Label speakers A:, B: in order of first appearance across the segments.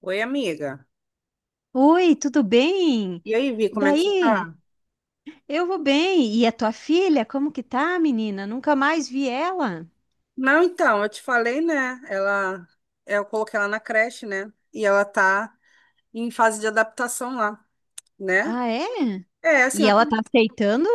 A: Oi, amiga.
B: Oi, tudo bem?
A: E aí, Vi, como é que você tá?
B: Daí, eu vou bem. E a tua filha, como que tá, menina? Nunca mais vi ela.
A: Não, então, eu te falei, né? Ela, é, eu coloquei ela na creche, né? E ela tá em fase de adaptação lá, né?
B: Ah, é?
A: É, assim,
B: E ela tá aceitando?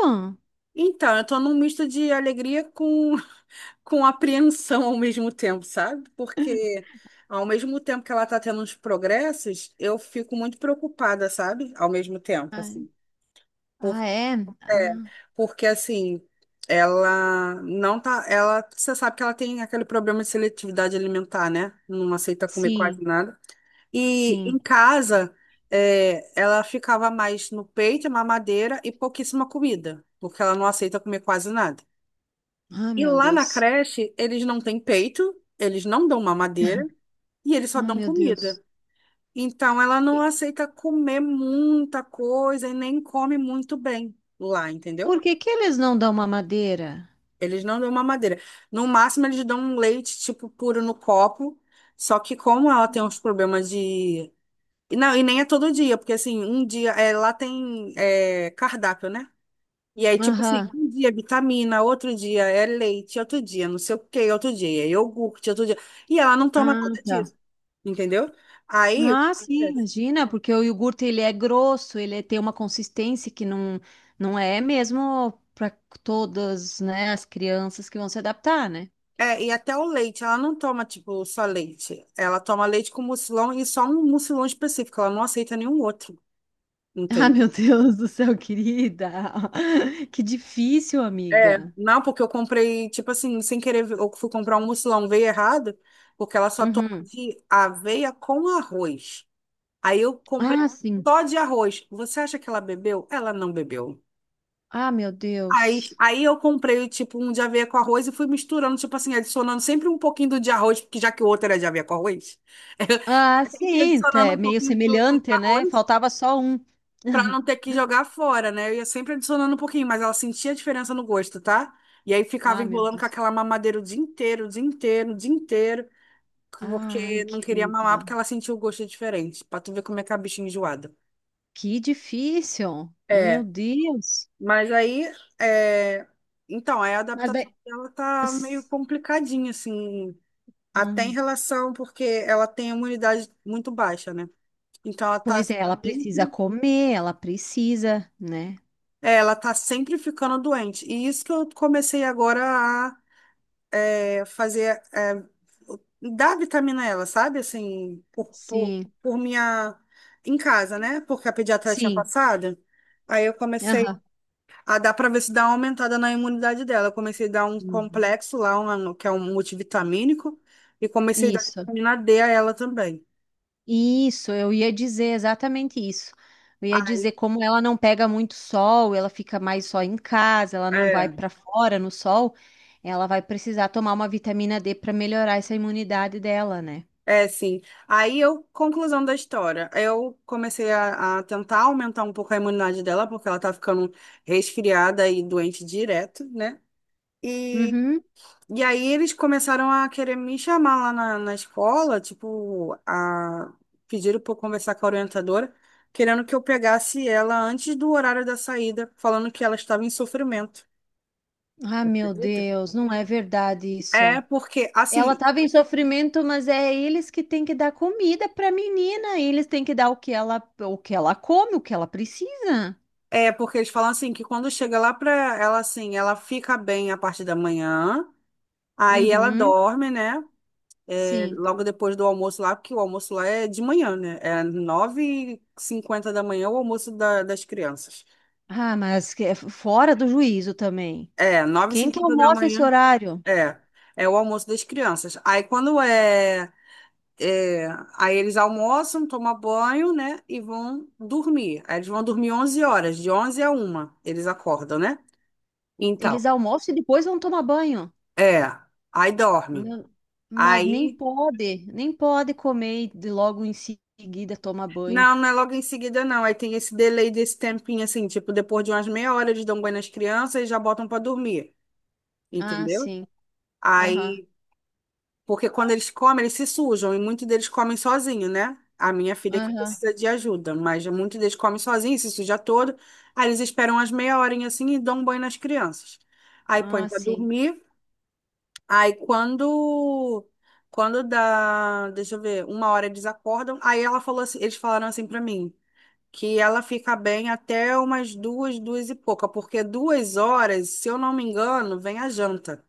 A: então, eu tô num misto de alegria com, com apreensão ao mesmo tempo, sabe? Porque ao mesmo tempo que ela tá tendo uns progressos, eu fico muito preocupada, sabe? Ao mesmo tempo,
B: Ah,
A: assim.
B: ah, é?
A: É,
B: Ah,
A: porque assim, ela não tá, ela, você sabe que ela tem aquele problema de seletividade alimentar, né? Não aceita comer quase
B: sim,
A: nada. E em
B: sim.
A: casa, é, ela ficava mais no peito, mamadeira e pouquíssima comida, porque ela não aceita comer quase nada.
B: Ah,
A: E
B: meu
A: lá na
B: Deus.
A: creche, eles não têm peito, eles não dão mamadeira e eles só
B: Ah,
A: dão
B: meu Deus.
A: comida. Então ela não
B: E
A: aceita comer muita coisa e nem come muito bem lá,
B: por
A: entendeu?
B: que que eles não dão mamadeira?
A: Eles não dão mamadeira. No máximo, eles dão um leite, tipo, puro no copo. Só que como ela tem uns problemas de... e não, e nem é todo dia, porque, assim, um dia... É, lá tem cardápio, né? E aí, tipo assim,
B: Aham.
A: um dia é vitamina, outro dia é leite, outro dia não sei o quê, outro dia é iogurte, outro dia... E ela não toma
B: Ah,
A: nada
B: tá.
A: disso, entendeu? Aí, o que
B: Ah, sim,
A: acontece?
B: imagina, porque o iogurte ele é grosso, tem uma consistência que não, não é mesmo para todas, né, as crianças que vão se adaptar, né?
A: É, e até o leite, ela não toma, tipo, só leite. Ela toma leite com mucilão e só um mucilão específico. Ela não aceita nenhum outro.
B: Ah,
A: Entendeu?
B: meu Deus do céu, querida. Que difícil,
A: É,
B: amiga.
A: não, porque eu comprei, tipo assim, sem querer, eu fui comprar um mucilão, veio errado, porque ela só toma
B: Uhum.
A: de aveia com arroz. Aí eu comprei
B: Ah, sim.
A: só de arroz. Você acha que ela bebeu? Ela não bebeu.
B: Ah, meu
A: Aí,
B: Deus.
A: aí eu comprei, tipo, um de aveia com arroz e fui misturando, tipo assim, adicionando sempre um pouquinho do de arroz, porque já que o outro era de aveia com arroz,
B: Ah,
A: sempre
B: sim, tá,
A: adicionando
B: é
A: um
B: meio
A: pouquinho do de
B: semelhante, né?
A: arroz.
B: Faltava só um.
A: Pra não ter que jogar fora, né? Eu ia sempre adicionando um pouquinho, mas ela sentia a diferença no gosto, tá? E aí ficava
B: Ah, meu
A: enrolando com
B: Deus.
A: aquela mamadeira o dia inteiro, o dia inteiro, o dia inteiro,
B: Ai,
A: porque não queria mamar
B: querida.
A: porque ela sentia o gosto diferente, pra tu ver como é que é a bichinha enjoada.
B: Que difícil. Meu
A: É,
B: Deus.
A: mas aí, é... então, aí a
B: Mas
A: adaptação
B: daí.
A: dela tá meio complicadinha, assim, até
B: Ah.
A: em relação, porque ela tem a imunidade muito baixa, né? Então ela tá
B: Pois é, ela precisa
A: sempre,
B: comer, ela precisa, né?
A: é, ela tá sempre ficando doente. E isso que eu comecei agora fazer, dar vitamina a ela, sabe? Assim, por, por,
B: Sim,
A: por minha. Em casa, né? Porque a pediatra tinha
B: sim.
A: passado. Aí eu comecei
B: Aham.
A: a dar para ver se dá uma aumentada na imunidade dela. Eu comecei a dar um
B: Uhum.
A: complexo lá, que é um multivitamínico, e comecei a dar
B: Isso,
A: vitamina D a ela também.
B: isso, eu ia dizer exatamente isso. Eu ia dizer como ela não pega muito sol, ela fica mais só em casa, ela não vai
A: É,
B: para fora no sol, ela vai precisar tomar uma vitamina D para melhorar essa imunidade dela, né?
A: é, sim. Aí eu, conclusão da história, eu comecei a tentar aumentar um pouco a imunidade dela, porque ela tá ficando resfriada e doente direto, né?
B: Uhum.
A: E aí eles começaram a querer me chamar lá na escola, tipo, a pediram para conversar com a orientadora, querendo que eu pegasse ela antes do horário da saída, falando que ela estava em sofrimento.
B: Ah, meu
A: Acredito.
B: Deus, não é verdade
A: É
B: isso.
A: porque
B: Ela
A: assim,
B: estava em sofrimento, mas é eles que têm que dar comida para a menina. Eles têm que dar o que ela come, o que ela precisa.
A: é porque eles falam assim que quando chega lá pra ela assim, ela fica bem a parte da manhã, aí ela
B: Uhum,
A: dorme, né? É,
B: sim.
A: logo depois do almoço lá, porque o almoço lá é de manhã, né? É 9:50 da manhã o almoço das crianças.
B: Ah, mas que é fora do juízo também.
A: É, nove e
B: Quem que
A: cinquenta da
B: almoça esse
A: manhã.
B: horário?
A: É, é o almoço das crianças. Aí quando é, é, aí eles almoçam, tomam banho, né, e vão dormir. Aí eles vão dormir 11 horas, de 11 a uma eles acordam, né? Então,
B: Eles almoçam e depois vão tomar banho.
A: é, aí dorme.
B: Ma- Mas nem
A: Aí,
B: pode, nem pode comer e logo em seguida tomar banho.
A: não, não é logo em seguida, não. Aí tem esse delay desse tempinho, assim, tipo, depois de umas meia hora eles dão banho nas crianças e já botam pra dormir,
B: Ah,
A: entendeu?
B: sim. Aham,
A: Aí, porque quando eles comem, eles se sujam e muitos deles comem sozinho, né? A minha filha que
B: aham.
A: precisa de ajuda, mas muitos deles comem sozinho, se suja todo. Aí eles esperam umas meia horinha assim e dão um banho nas crianças. Aí põe
B: Ah,
A: pra
B: sim.
A: dormir. Aí quando dá, deixa eu ver, 1 hora eles acordam. Aí ela falou assim, eles falaram assim pra mim, que ela fica bem até umas duas e pouca, porque 2 horas, se eu não me engano, vem a janta.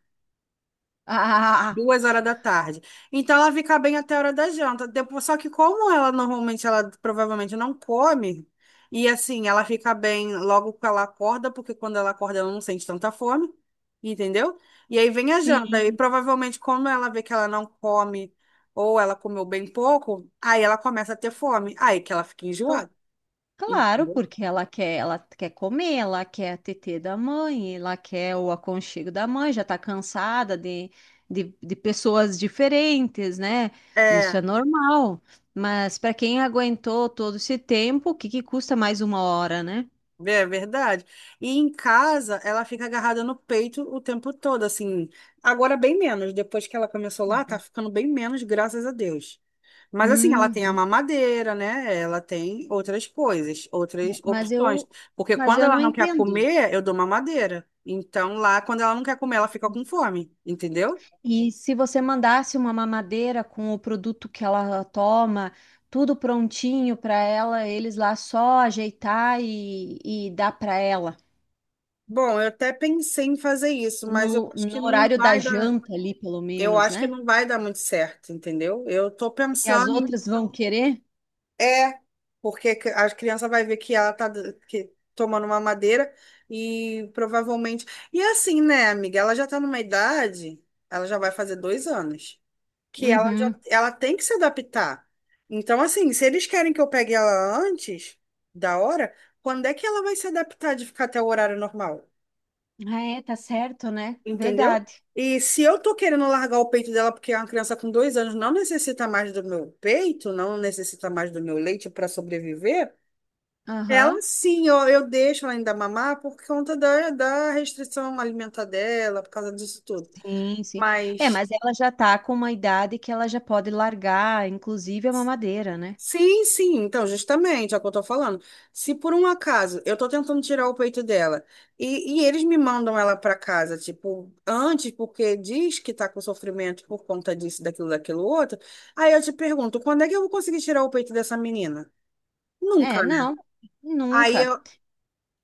B: Ah, ah, ah, ah.
A: 2 horas da tarde. Então ela fica bem até a hora da janta. Depois, só que como ela normalmente, ela provavelmente não come, e assim, ela fica bem logo que ela acorda, porque quando ela acorda ela não sente tanta fome, entendeu? E aí vem a janta. E
B: Sim.
A: provavelmente, como ela vê que ela não come, ou ela comeu bem pouco, aí ela começa a ter fome. Aí que ela fica
B: Então,
A: enjoada,
B: claro,
A: entendeu?
B: porque ela quer comer, ela quer a tetê da mãe, ela quer o aconchego da mãe, já tá cansada de pessoas diferentes, né? Isso é
A: É.
B: normal. Mas para quem aguentou todo esse tempo, o que que custa mais uma hora, né?
A: É verdade. E em casa, ela fica agarrada no peito o tempo todo, assim. Agora, bem menos. Depois que ela começou lá, tá ficando bem menos, graças a Deus. Mas, assim, ela tem a
B: Hum.
A: mamadeira, né? Ela tem outras coisas,
B: É,
A: outras opções. Porque
B: Mas
A: quando
B: eu
A: ela
B: não
A: não quer
B: entendo.
A: comer, eu dou mamadeira. Então, lá, quando ela não quer comer, ela fica com fome, entendeu?
B: E se você mandasse uma mamadeira com o produto que ela toma, tudo prontinho para ela, eles lá só ajeitar e dar para ela.
A: Bom, eu até pensei em fazer isso, mas eu acho
B: No
A: que não
B: horário da
A: vai dar.
B: janta ali, pelo
A: Eu
B: menos,
A: acho que
B: né?
A: não vai dar muito certo, entendeu? Eu tô
B: Que as
A: pensando em.
B: outras vão querer.
A: É, porque a criança vai ver que ela tá que, tomando uma madeira e provavelmente. E assim, né, amiga? Ela já tá numa idade, ela já vai fazer 2 anos, que ela já
B: Uhum.
A: ela tem que se adaptar. Então, assim, se eles querem que eu pegue ela antes da hora, quando é que ela vai se adaptar de ficar até o horário normal?
B: Ah, é, tá certo, né?
A: Entendeu?
B: Verdade.
A: E se eu tô querendo largar o peito dela porque é uma criança com 2 anos não necessita mais do meu peito, não necessita mais do meu leite para sobreviver. Ela
B: Aham.
A: sim, eu deixo ela ainda mamar por conta da restrição alimentar dela, por causa disso tudo.
B: Sim, sim. É,
A: Mas
B: mas ela já tá com uma idade que ela já pode largar, inclusive a mamadeira, né?
A: sim, sim, então, justamente, é o que eu tô falando. Se por um acaso eu tô tentando tirar o peito dela e eles me mandam ela pra casa, tipo, antes, porque diz que tá com sofrimento por conta disso, daquilo, daquilo outro, aí eu te pergunto, quando é que eu vou conseguir tirar o peito dessa menina?
B: É,
A: Nunca, né?
B: não,
A: Aí
B: nunca.
A: eu,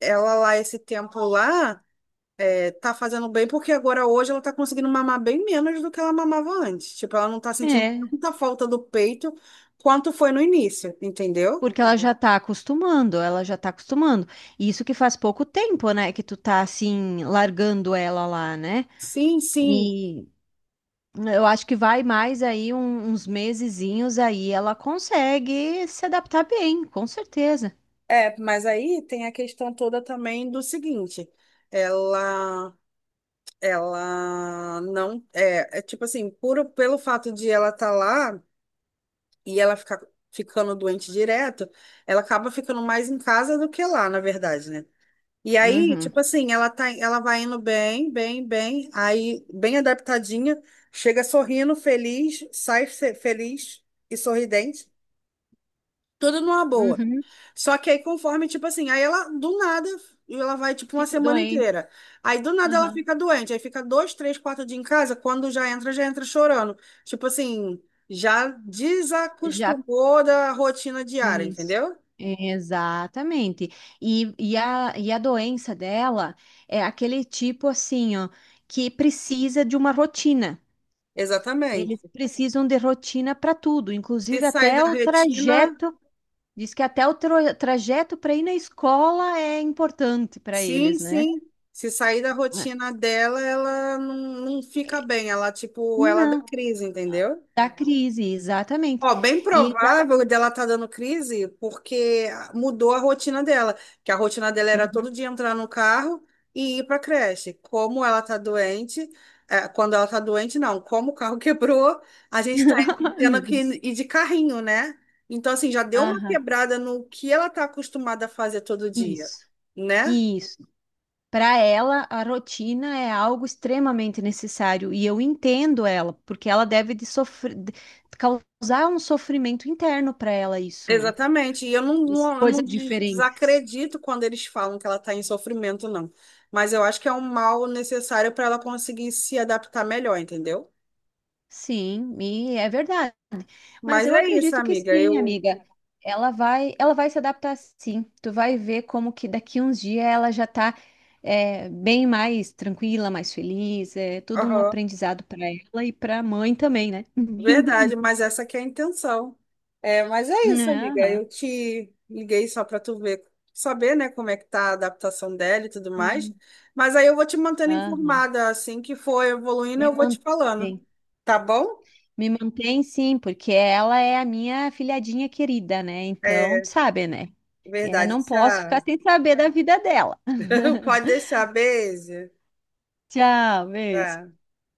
A: ela lá, esse tempo lá. Tá fazendo bem porque agora hoje ela tá conseguindo mamar bem menos do que ela mamava antes. Tipo, ela não tá sentindo
B: É,
A: tanta falta do peito quanto foi no início, entendeu?
B: porque ela já tá acostumando, ela já tá acostumando. E isso que faz pouco tempo, né, que tu tá assim largando ela lá, né?
A: Sim, sim.
B: E eu acho que vai mais aí uns mesezinhos aí ela consegue se adaptar bem, com certeza.
A: É, mas aí tem a questão toda também do seguinte, ela ela não é, é tipo assim, puro pelo fato de ela estar tá lá e ela ficar ficando doente direto, ela acaba ficando mais em casa do que lá, na verdade, né? E aí,
B: Uhum,
A: tipo assim, ela tá, ela vai indo bem, bem, bem, aí bem adaptadinha, chega sorrindo, feliz, sai feliz e sorridente, tudo numa boa.
B: uhum.
A: Só que aí conforme, tipo assim, aí ela do nada, ela vai tipo uma
B: Fica
A: semana
B: doente.
A: inteira. Aí do nada ela
B: Uhum.
A: fica doente, aí fica 2, 3, 4 dias em casa, quando já entra chorando. Tipo assim, já
B: Já
A: desacostumou da rotina diária,
B: isso.
A: entendeu?
B: Exatamente. E a doença dela é aquele tipo assim, ó, que precisa de uma rotina.
A: Exatamente.
B: Eles precisam de rotina para tudo,
A: Se
B: inclusive
A: sair da
B: até o
A: retina,
B: trajeto. Diz que até o trajeto para ir na escola é importante para
A: sim,
B: eles, né?
A: sim. Se sair da
B: É.
A: rotina dela, ela não, não fica bem. Ela, tipo, ela dá
B: Não,
A: crise, entendeu?
B: da crise, exatamente.
A: Ó, bem
B: E exa-
A: provável dela tá dando crise porque mudou a rotina dela. Que a rotina dela era todo
B: Uhum.
A: dia entrar no carro e ir pra creche. Como ela tá doente, é, quando ela tá doente, não. Como o carro quebrou, a gente tá
B: Ai,
A: tendo
B: meu
A: que
B: Deus.
A: ir de carrinho, né? Então, assim, já deu uma
B: Aham,
A: quebrada no que ela tá acostumada a fazer todo dia,
B: Isso,
A: né?
B: isso. Para ela, a rotina é algo extremamente necessário e eu entendo ela, porque ela deve de sofrer, causar um sofrimento interno para ela isso, né?
A: Exatamente. E eu não, não, eu não
B: Coisas
A: des-
B: diferentes.
A: desacredito quando eles falam que ela está em sofrimento, não. Mas eu acho que é um mal necessário para ela conseguir se adaptar melhor, entendeu?
B: Sim, e é verdade. Mas
A: Mas
B: eu
A: é isso,
B: acredito que
A: amiga.
B: sim,
A: Eu.
B: amiga. Ela vai se adaptar sim. Tu vai ver como que daqui uns dias ela já tá bem mais tranquila, mais feliz. É tudo um
A: Aham,
B: aprendizado para ela e para a mãe também, né?
A: verdade, mas essa que é a intenção. É, mas é isso, amiga.
B: Aham,
A: Eu te liguei só para tu ver, saber, né, como é que tá a adaptação dela e tudo mais.
B: sim.
A: Mas aí eu vou te mantendo
B: Aham.
A: informada. Assim que for evoluindo,
B: Me
A: eu vou te falando.
B: mantém.
A: Tá bom?
B: Me mantém sim, porque ela é a minha filhadinha querida, né? Então, tu
A: É,
B: sabe, né? Eu
A: verdade.
B: não posso ficar
A: Tchau.
B: sem saber da vida dela.
A: Pode deixar, beijo.
B: Tchau, beijo.
A: Tá.